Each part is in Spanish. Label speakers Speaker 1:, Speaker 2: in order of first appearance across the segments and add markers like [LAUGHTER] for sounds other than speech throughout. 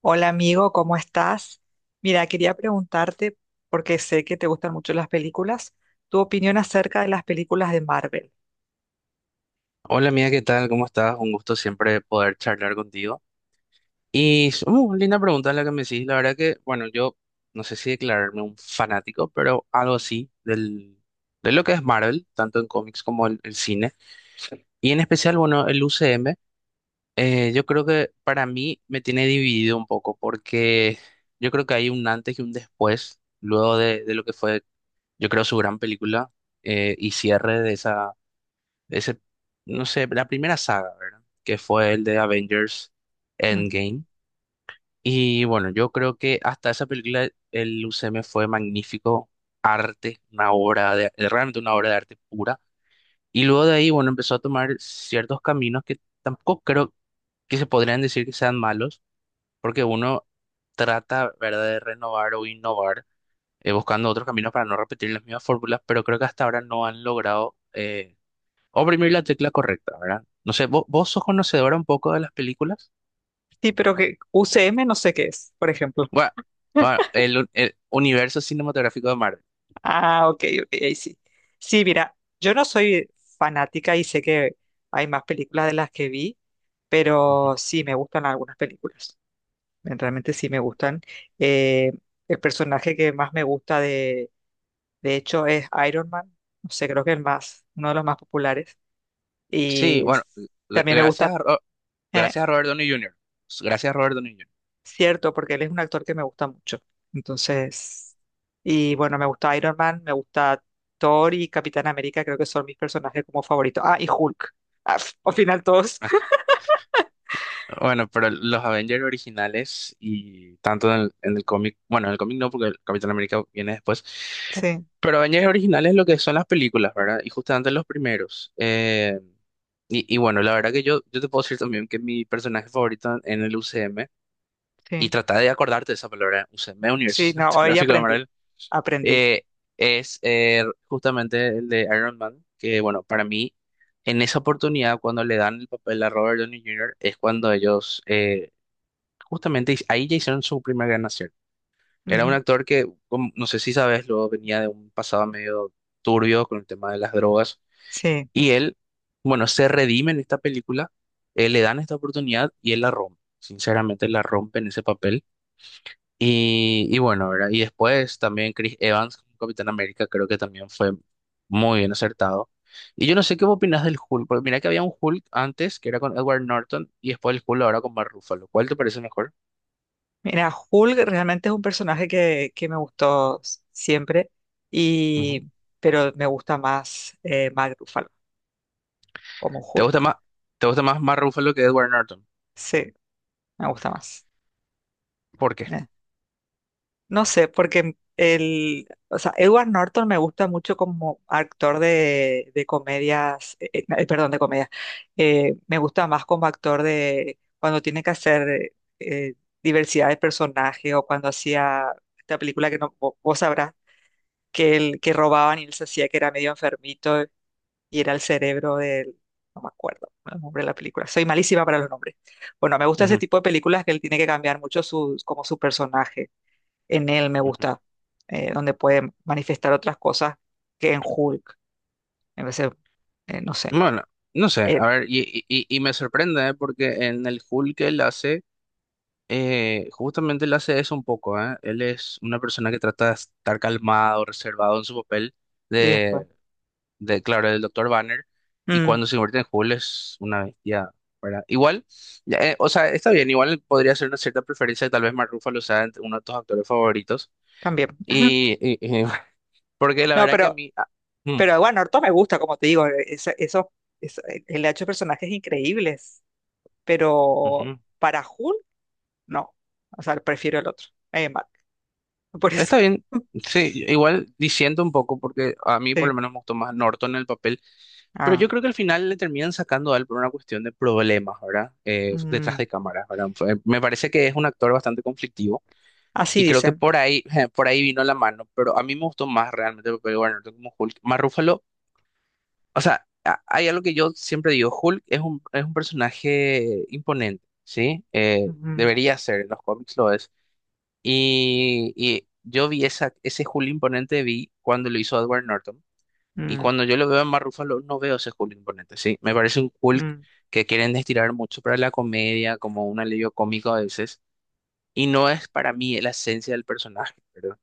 Speaker 1: Hola amigo, ¿cómo estás? Mira, quería preguntarte, porque sé que te gustan mucho las películas, tu opinión acerca de las películas de Marvel.
Speaker 2: Hola mía, ¿qué tal? ¿Cómo estás? Un gusto siempre poder charlar contigo. Linda pregunta la que me hiciste. La verdad que, bueno, yo no sé si declararme un fanático, pero algo así de lo que es Marvel, tanto en cómics como el cine. Y en especial, bueno, el UCM, yo creo que para mí me tiene dividido un poco, porque yo creo que hay un antes y un después, luego de lo que fue, yo creo, su gran película y cierre de esa ese, no sé, la primera saga, ¿verdad? Que fue el de Avengers
Speaker 1: Ujú.
Speaker 2: Endgame. Y bueno, yo creo que hasta esa película el UCM fue magnífico arte, realmente una obra de arte pura. Y luego de ahí, bueno, empezó a tomar ciertos caminos que tampoco creo que se podrían decir que sean malos, porque uno trata, ¿verdad?, de renovar o innovar, buscando otros caminos para no repetir las mismas fórmulas, pero creo que hasta ahora no han logrado oprimir la tecla correcta, ¿verdad? No sé, ¿vos, sos conocedora un poco de las películas?
Speaker 1: Sí, pero que UCM no sé qué es, por ejemplo.
Speaker 2: Bueno, bueno, el universo cinematográfico de Marvel.
Speaker 1: Ah, ok, ok, ahí sí. Sí, mira, yo no soy fanática y sé que hay más películas de las que vi,
Speaker 2: Ujú.
Speaker 1: pero sí me gustan algunas películas. Realmente sí me gustan. Eh, el personaje que más me gusta de hecho es Iron Man, no sé, creo que el más, uno de los más populares.
Speaker 2: Sí,
Speaker 1: Y
Speaker 2: bueno,
Speaker 1: s-
Speaker 2: gr-
Speaker 1: También me
Speaker 2: gracias
Speaker 1: gusta,
Speaker 2: a, Ro-
Speaker 1: eh,
Speaker 2: gracias a Robert Downey Jr. Gracias a Robert Downey Jr.
Speaker 1: cierto, porque él es un actor que me gusta mucho. Entonces, y bueno, me gusta Iron Man, me gusta Thor y Capitán América, creo que son mis personajes como favoritos. Ah, y Hulk. Ah, al final todos. [LAUGHS]
Speaker 2: Bueno, pero los Avengers originales y tanto en el cómic, bueno, en el cómic no, porque el Capitán América viene después,
Speaker 1: Sí,
Speaker 2: pero Avengers originales lo que son las películas, ¿verdad? Y justamente los primeros. Y bueno, la verdad que yo te puedo decir también que mi personaje favorito en el UCM y
Speaker 1: sí,
Speaker 2: trata de acordarte de esa palabra, UCM, Universo
Speaker 1: sí, no, hoy
Speaker 2: Cinematográfico de
Speaker 1: aprendí,
Speaker 2: Marvel,
Speaker 1: aprendí.
Speaker 2: eh, es justamente el de Iron Man, que bueno, para mí, en esa oportunidad, cuando le dan el papel a Robert Downey Jr., es cuando ellos, justamente ahí ya hicieron su primer gran acierto. Era un
Speaker 1: Ujú.
Speaker 2: actor que, no sé si sabes, luego venía de un pasado medio turbio con el tema de las drogas,
Speaker 1: Sí,
Speaker 2: y él, bueno, se redime en esta película, le dan esta oportunidad y él la rompe. Sinceramente, la rompe en ese papel. Y bueno, ¿verdad? Y después también Chris Evans como Capitán América creo que también fue muy bien acertado. Y yo no sé qué opinas del Hulk, porque mira que había un Hulk antes que era con Edward Norton y después el Hulk ahora con Mark Ruffalo. ¿Cuál te parece mejor?
Speaker 1: mira, Hulk realmente es un personaje que me gustó siempre,
Speaker 2: Ujú.
Speaker 1: y, pero me gusta más Mark Ruffalo como
Speaker 2: ¿Te gusta
Speaker 1: Hulk.
Speaker 2: más, te gusta más Mark Ruffalo que Edward Norton?
Speaker 1: Sí, me gusta más.
Speaker 2: ¿Por qué?
Speaker 1: No sé, porque o sea, Edward Norton me gusta mucho como actor de comedias, perdón, de comedias. Me gusta más como actor de cuando tiene que hacer diversidad de personajes o cuando hacía esta película que no, vos sabrás que robaban y él se hacía que era medio enfermito y era el cerebro del, no me acuerdo el nombre de la película. Soy malísima para los nombres. Bueno, me gusta ese
Speaker 2: Ujú,
Speaker 1: tipo de películas que él tiene que cambiar mucho sus, como su personaje en él me
Speaker 2: ujú.
Speaker 1: gusta, donde puede manifestar otras cosas que en Hulk. En vez de, no sé,
Speaker 2: Bueno, no sé, a
Speaker 1: él.
Speaker 2: ver, y me sorprende, ¿eh? Porque en el Hulk que él hace, justamente él hace eso un poco, ¿eh? Él es una persona que trata de estar calmado, reservado en su papel
Speaker 1: Y después,
Speaker 2: de, de claro, del doctor Banner, y
Speaker 1: mm,
Speaker 2: cuando se convierte en Hulk es una bestia, ¿verdad? Igual, ya, o sea, está bien, igual podría ser una cierta preferencia, tal vez Mark Ruffalo sea entre uno de tus actores favoritos,
Speaker 1: también. [LAUGHS]
Speaker 2: y, y- y- [LAUGHS] porque la
Speaker 1: No,
Speaker 2: verdad que a
Speaker 1: pero,
Speaker 2: mí. Ah, mm,
Speaker 1: pero bueno, Orto me gusta, como te digo, eso, eso- él ha hecho personajes increíbles, pero
Speaker 2: ujú.
Speaker 1: para Hulk, no. O sea, prefiero el otro, Mark. Por eso.
Speaker 2: Está bien,
Speaker 1: [LAUGHS]
Speaker 2: sí, igual diciendo un poco, porque a mí por
Speaker 1: Sí.
Speaker 2: lo menos me gustó más Norton en el papel, pero
Speaker 1: Ah,
Speaker 2: yo creo que al final le terminan sacando a él por una cuestión de problemas, ¿verdad? Detrás
Speaker 1: mm,
Speaker 2: de cámaras, ¿verdad? Me parece que es un actor bastante conflictivo
Speaker 1: así
Speaker 2: y creo que
Speaker 1: dicen.
Speaker 2: por ahí, [LAUGHS] por ahí vino la mano, pero a mí me gustó más realmente el papel de Edward Norton como Hulk. Más Ruffalo, o sea, hay algo que yo siempre digo, Hulk es un personaje imponente, ¿sí? Eh,
Speaker 1: Mm,
Speaker 2: debería ser, en los cómics lo es y yo vi ese Julio Imponente vi cuando lo hizo Edward Norton. Y
Speaker 1: mm,
Speaker 2: cuando yo lo veo en Mark Ruffalo, no veo ese Julio Imponente, ¿sí? Me parece un Hulk
Speaker 1: mm,
Speaker 2: que quieren estirar mucho para la comedia, como un alivio cómico a veces. Y no es para mí la esencia del personaje, ¿verdad?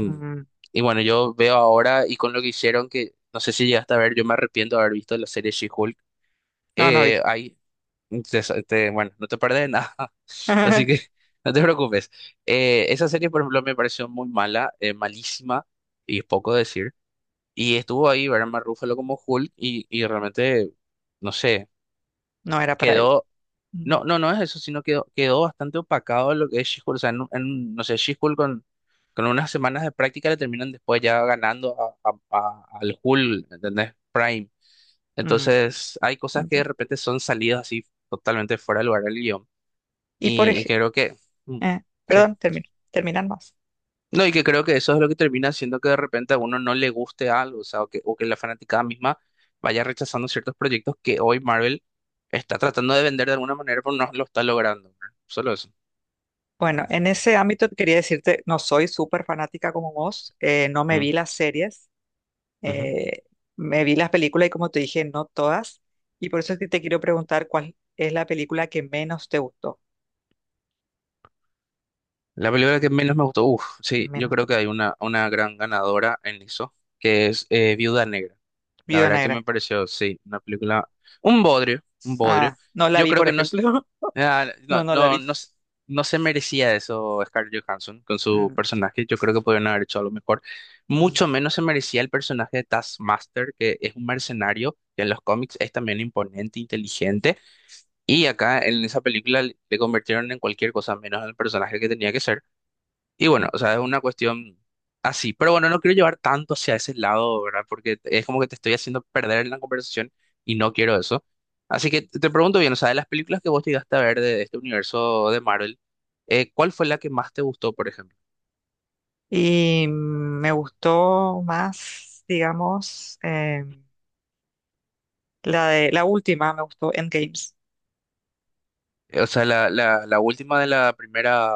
Speaker 1: mm. Mm.
Speaker 2: y bueno, yo veo ahora, y con lo que hicieron, que no sé si llegaste a ver, yo me arrepiento de haber visto la serie She-Hulk.
Speaker 1: No, no
Speaker 2: Eh,
Speaker 1: vi.
Speaker 2: hay bueno, no te perdés de nada, [LAUGHS] así que
Speaker 1: [LAUGHS]
Speaker 2: no te preocupes. Esa serie, por ejemplo, me pareció muy mala, malísima, y es poco decir. Y estuvo ahí Barman Ruffalo como Hulk, y realmente, no sé,
Speaker 1: No era para él.
Speaker 2: quedó.
Speaker 1: Mm,
Speaker 2: No, no, no es eso, sino quedó, quedó bastante opacado lo que es She-Hulk. O sea, no sé, She-Hulk con unas semanas de práctica le terminan después ya ganando al Hulk, ¿entendés? Prime.
Speaker 1: mm.
Speaker 2: Entonces, hay cosas que de
Speaker 1: Entiendo.
Speaker 2: repente son salidas así totalmente fuera de lugar del guión.
Speaker 1: Y por
Speaker 2: Y
Speaker 1: ejemplo,
Speaker 2: creo que, mm, sí.
Speaker 1: perdón, terminan más.
Speaker 2: No, y que creo que eso es lo que termina haciendo que de repente a uno no le guste algo, o sea, o que, la fanaticada misma vaya rechazando ciertos proyectos que hoy Marvel está tratando de vender de alguna manera, pero no lo está logrando, ¿verdad? Solo eso.
Speaker 1: Bueno, en ese ámbito quería decirte, no soy súper fanática como vos, no me
Speaker 2: Mm,
Speaker 1: vi las series,
Speaker 2: ujú.
Speaker 1: eh, me vi las películas y como te dije, no todas, y por eso es que te quiero preguntar cuál es la película que menos te gustó,
Speaker 2: La película que menos me gustó, uff, sí, yo
Speaker 1: menos te
Speaker 2: creo que
Speaker 1: gustó.
Speaker 2: hay una gran ganadora en eso, que es Viuda Negra. La
Speaker 1: Viuda
Speaker 2: verdad que me
Speaker 1: Negra.
Speaker 2: pareció, sí, una película, un bodrio, un bodrio.
Speaker 1: Ah, no la
Speaker 2: Yo
Speaker 1: vi,
Speaker 2: creo
Speaker 1: por
Speaker 2: que no.
Speaker 1: ejemplo.
Speaker 2: Ah,
Speaker 1: [LAUGHS]
Speaker 2: no,
Speaker 1: No, no la
Speaker 2: no,
Speaker 1: vi.
Speaker 2: no, no se merecía eso Scarlett Johansson con su
Speaker 1: Mm,
Speaker 2: personaje. Yo creo que podrían haber hecho algo mejor.
Speaker 1: mm,
Speaker 2: Mucho menos se merecía el personaje de Taskmaster, que es un mercenario, que en los cómics es también imponente, inteligente. Y acá en esa película le convirtieron en cualquier cosa menos en el personaje que tenía que ser. Y bueno,
Speaker 1: mm.
Speaker 2: o sea, es una cuestión así. Pero bueno, no quiero llevar tanto hacia ese lado, ¿verdad? Porque es como que te estoy haciendo perder en la conversación y no quiero eso. Así que te pregunto bien, o sea, de las películas que vos llegaste a ver de, este universo de Marvel, ¿cuál fue la que más te gustó, por ejemplo?
Speaker 1: Y me gustó más, digamos, la de la última, me gustó Endgame.
Speaker 2: O sea, la última de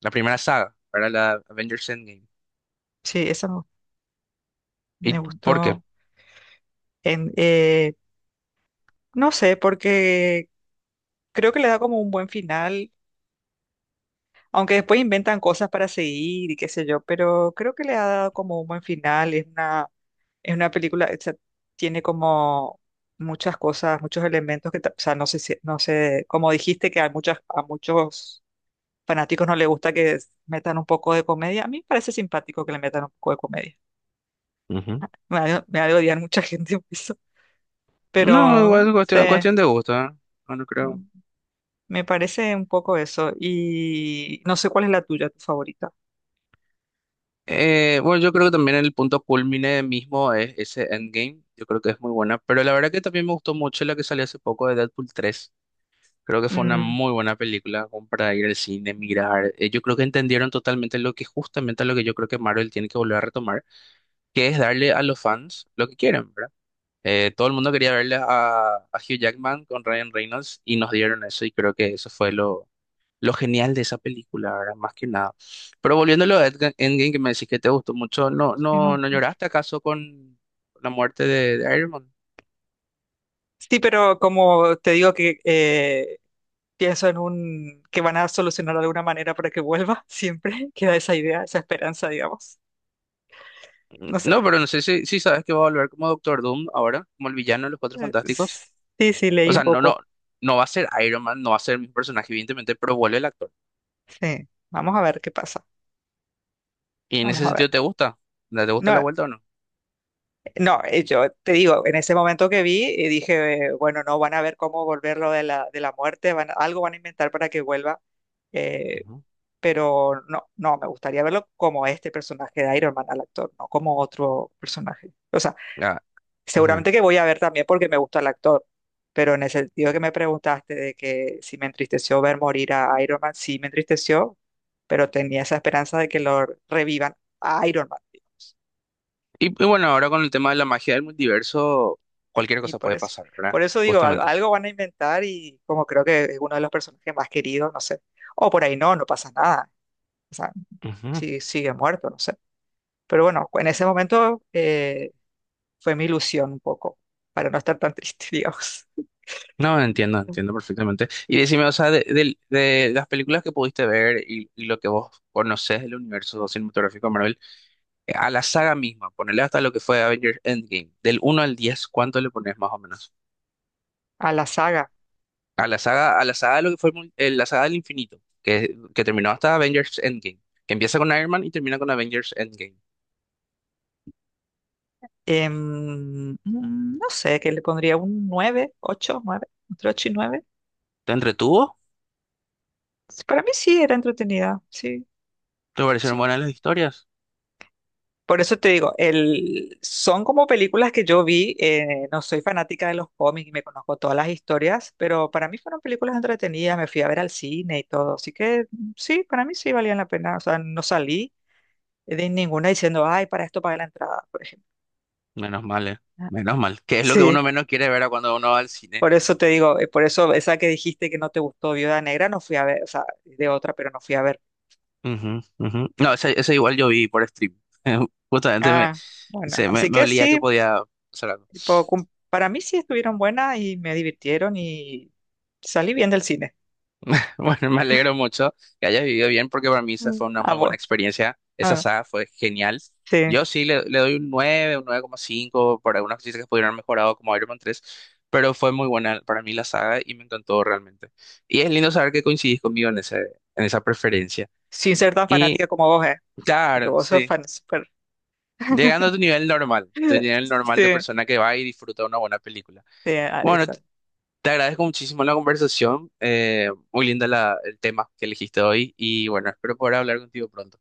Speaker 2: la primera, saga, para La Avengers Endgame.
Speaker 1: Sí, esa me
Speaker 2: ¿Y
Speaker 1: me
Speaker 2: por qué?
Speaker 1: gustó. En, eh, no sé, porque creo que le da como un buen final, aunque después inventan cosas para seguir y qué sé yo, pero creo que le ha dado como un buen final. Es una película, o sea, tiene como muchas cosas, muchos elementos o sea, no sé, no sé, como dijiste que a muchos fanáticos no les gusta que metan un poco de comedia. A mí me parece simpático que le metan un poco de comedia.
Speaker 2: Ujú.
Speaker 1: Me ha de odiar mucha [LAUGHS] gente por eso,
Speaker 2: No,
Speaker 1: pero
Speaker 2: igual
Speaker 1: no
Speaker 2: es
Speaker 1: sé.
Speaker 2: cuestión de gusto, ¿eh? No, no creo.
Speaker 1: Me parece un poco eso. Y no sé cuál es la tuya, tu favorita.
Speaker 2: Bueno, yo creo que también el punto culmine mismo es ese Endgame. Yo creo que es muy buena. Pero la verdad que también me gustó mucho la que salió hace poco de Deadpool 3. Creo que fue una
Speaker 1: Mm,
Speaker 2: muy buena película como para ir al cine, mirar. Yo creo que entendieron totalmente lo que justamente lo que yo creo que Marvel tiene que volver a retomar, que es darle a los fans lo que quieren, ¿verdad? Todo el mundo quería verle a, Hugh Jackman con Ryan Reynolds y nos dieron eso y creo que eso fue lo genial de esa película, ¿verdad? Más que nada. Pero volviéndolo a Endgame, que me decís que te gustó mucho, ¿no,
Speaker 1: sí, me
Speaker 2: no,
Speaker 1: gusta
Speaker 2: no
Speaker 1: mucho.
Speaker 2: lloraste acaso con la muerte de Iron Man?
Speaker 1: Sí, pero como te digo que pienso en un que van a solucionar de alguna manera para que vuelva, siempre [LAUGHS] queda esa idea, esa esperanza, digamos.
Speaker 2: Mm.
Speaker 1: No sé.
Speaker 2: No, pero no sé si sabes que va a volver como Doctor Doom ahora, como el villano de los Cuatro
Speaker 1: Eh,
Speaker 2: Fantásticos.
Speaker 1: Sí, sí,
Speaker 2: O
Speaker 1: leí un
Speaker 2: sea, no, no,
Speaker 1: poco.
Speaker 2: no va a ser Iron Man, no va a ser mi personaje, evidentemente, pero vuelve el actor.
Speaker 1: Sí, vamos a ver qué pasa.
Speaker 2: Y en
Speaker 1: Vamos
Speaker 2: ese
Speaker 1: a ver.
Speaker 2: sentido, ¿te gusta? ¿Te gusta la
Speaker 1: No,
Speaker 2: vuelta o no?
Speaker 1: no, yo te digo, en ese momento que vi, dije, bueno, no, van a ver cómo volverlo de la muerte, algo van a inventar para que vuelva. eh,
Speaker 2: Ujú.
Speaker 1: pero no, no, me gustaría verlo como este personaje de Iron Man al actor, no como otro personaje. O sea,
Speaker 2: Ah, ujú.
Speaker 1: seguramente que voy a ver también porque me gusta el actor, pero en el sentido que me preguntaste de que si me entristeció ver morir a Iron Man, sí me entristeció, pero tenía esa esperanza de que lo revivan a Iron Man, digamos.
Speaker 2: Y bueno, ahora con el tema de la magia del multiverso, cualquier
Speaker 1: Y
Speaker 2: cosa
Speaker 1: por
Speaker 2: puede
Speaker 1: eso,
Speaker 2: pasar, ¿verdad?
Speaker 1: por eso digo,
Speaker 2: Justamente.
Speaker 1: algo van a inventar y como creo que es uno de los personajes más queridos, no sé. O por ahí no, no pasa nada. O sea,
Speaker 2: Ujú.
Speaker 1: si sigue muerto, no sé. Pero bueno, en ese momento fue mi ilusión un poco, para no estar tan triste, [LAUGHS] digamos.
Speaker 2: No, entiendo, entiendo perfectamente. Y decime, o sea, de, de las películas que pudiste ver y lo que vos conocés del universo cinematográfico de Marvel, a la saga misma, ponele hasta lo que fue Avengers Endgame, del 1 al 10, ¿cuánto le pones más o menos?
Speaker 1: A la saga,
Speaker 2: A la saga de lo que fue el la saga del infinito, que terminó hasta Avengers Endgame, que empieza con Iron Man y termina con Avengers Endgame.
Speaker 1: no sé, que le pondría un 9 8 9 entre 8 y 9.
Speaker 2: ¿Te entretuvo?
Speaker 1: Para mí sí era entretenida, sí,
Speaker 2: ¿Te parecieron
Speaker 1: sí.
Speaker 2: buenas las historias?
Speaker 1: Por eso te digo, son como películas que yo vi, no soy fanática de los cómics y me conozco todas las historias, pero para mí fueron películas entretenidas, me fui a ver al cine y todo, así que mm, sí, para mí sí valían la pena, o sea, no salí de ninguna diciendo, ay, para esto pagué la entrada, por ejemplo.
Speaker 2: Menos mal, eh.
Speaker 1: [LAUGHS]
Speaker 2: Menos mal. Que es lo que
Speaker 1: Sí,
Speaker 2: uno menos quiere ver a cuando uno va al cine.
Speaker 1: por eso te digo, por eso esa que dijiste que no te gustó Viuda Negra, no fui a ver, o sea, de otra, pero no fui a ver.
Speaker 2: Ujú, ujú. No, ese igual yo vi por stream. [LAUGHS] Justamente
Speaker 1: Ah, bueno, así
Speaker 2: me
Speaker 1: que
Speaker 2: olía que
Speaker 1: sí,
Speaker 2: podía hacer algo. [LAUGHS]
Speaker 1: tipo, para mí sí estuvieron buenas y me divirtieron y salí bien del cine.
Speaker 2: Bueno, me alegro mucho que hayas vivido bien porque para mí esa fue una
Speaker 1: Ah,
Speaker 2: muy buena
Speaker 1: bueno,
Speaker 2: experiencia. Esa
Speaker 1: ah,
Speaker 2: saga fue genial.
Speaker 1: sí,
Speaker 2: Yo sí le doy un nueve, un 9,5 para algunas cosas que pudieron haber mejorado como Iron Man 3, pero fue muy buena para mí la saga y me encantó realmente. Y es lindo saber que coincidís conmigo en ese, en esa preferencia.
Speaker 1: sin ser tan
Speaker 2: Y
Speaker 1: fanática como vos, porque
Speaker 2: claro,
Speaker 1: vos sos
Speaker 2: sí.
Speaker 1: fan súper.
Speaker 2: Llegando a
Speaker 1: [LAUGHS]
Speaker 2: tu nivel normal de
Speaker 1: Sí,
Speaker 2: persona que va y disfruta una buena película.
Speaker 1: sí, ah,
Speaker 2: Bueno,
Speaker 1: eso.
Speaker 2: te agradezco muchísimo la conversación, muy linda el tema que elegiste hoy y bueno, espero poder hablar contigo pronto.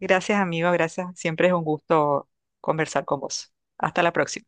Speaker 1: Gracias, amigo, gracias. Siempre es un gusto conversar con vos. Hasta la próxima.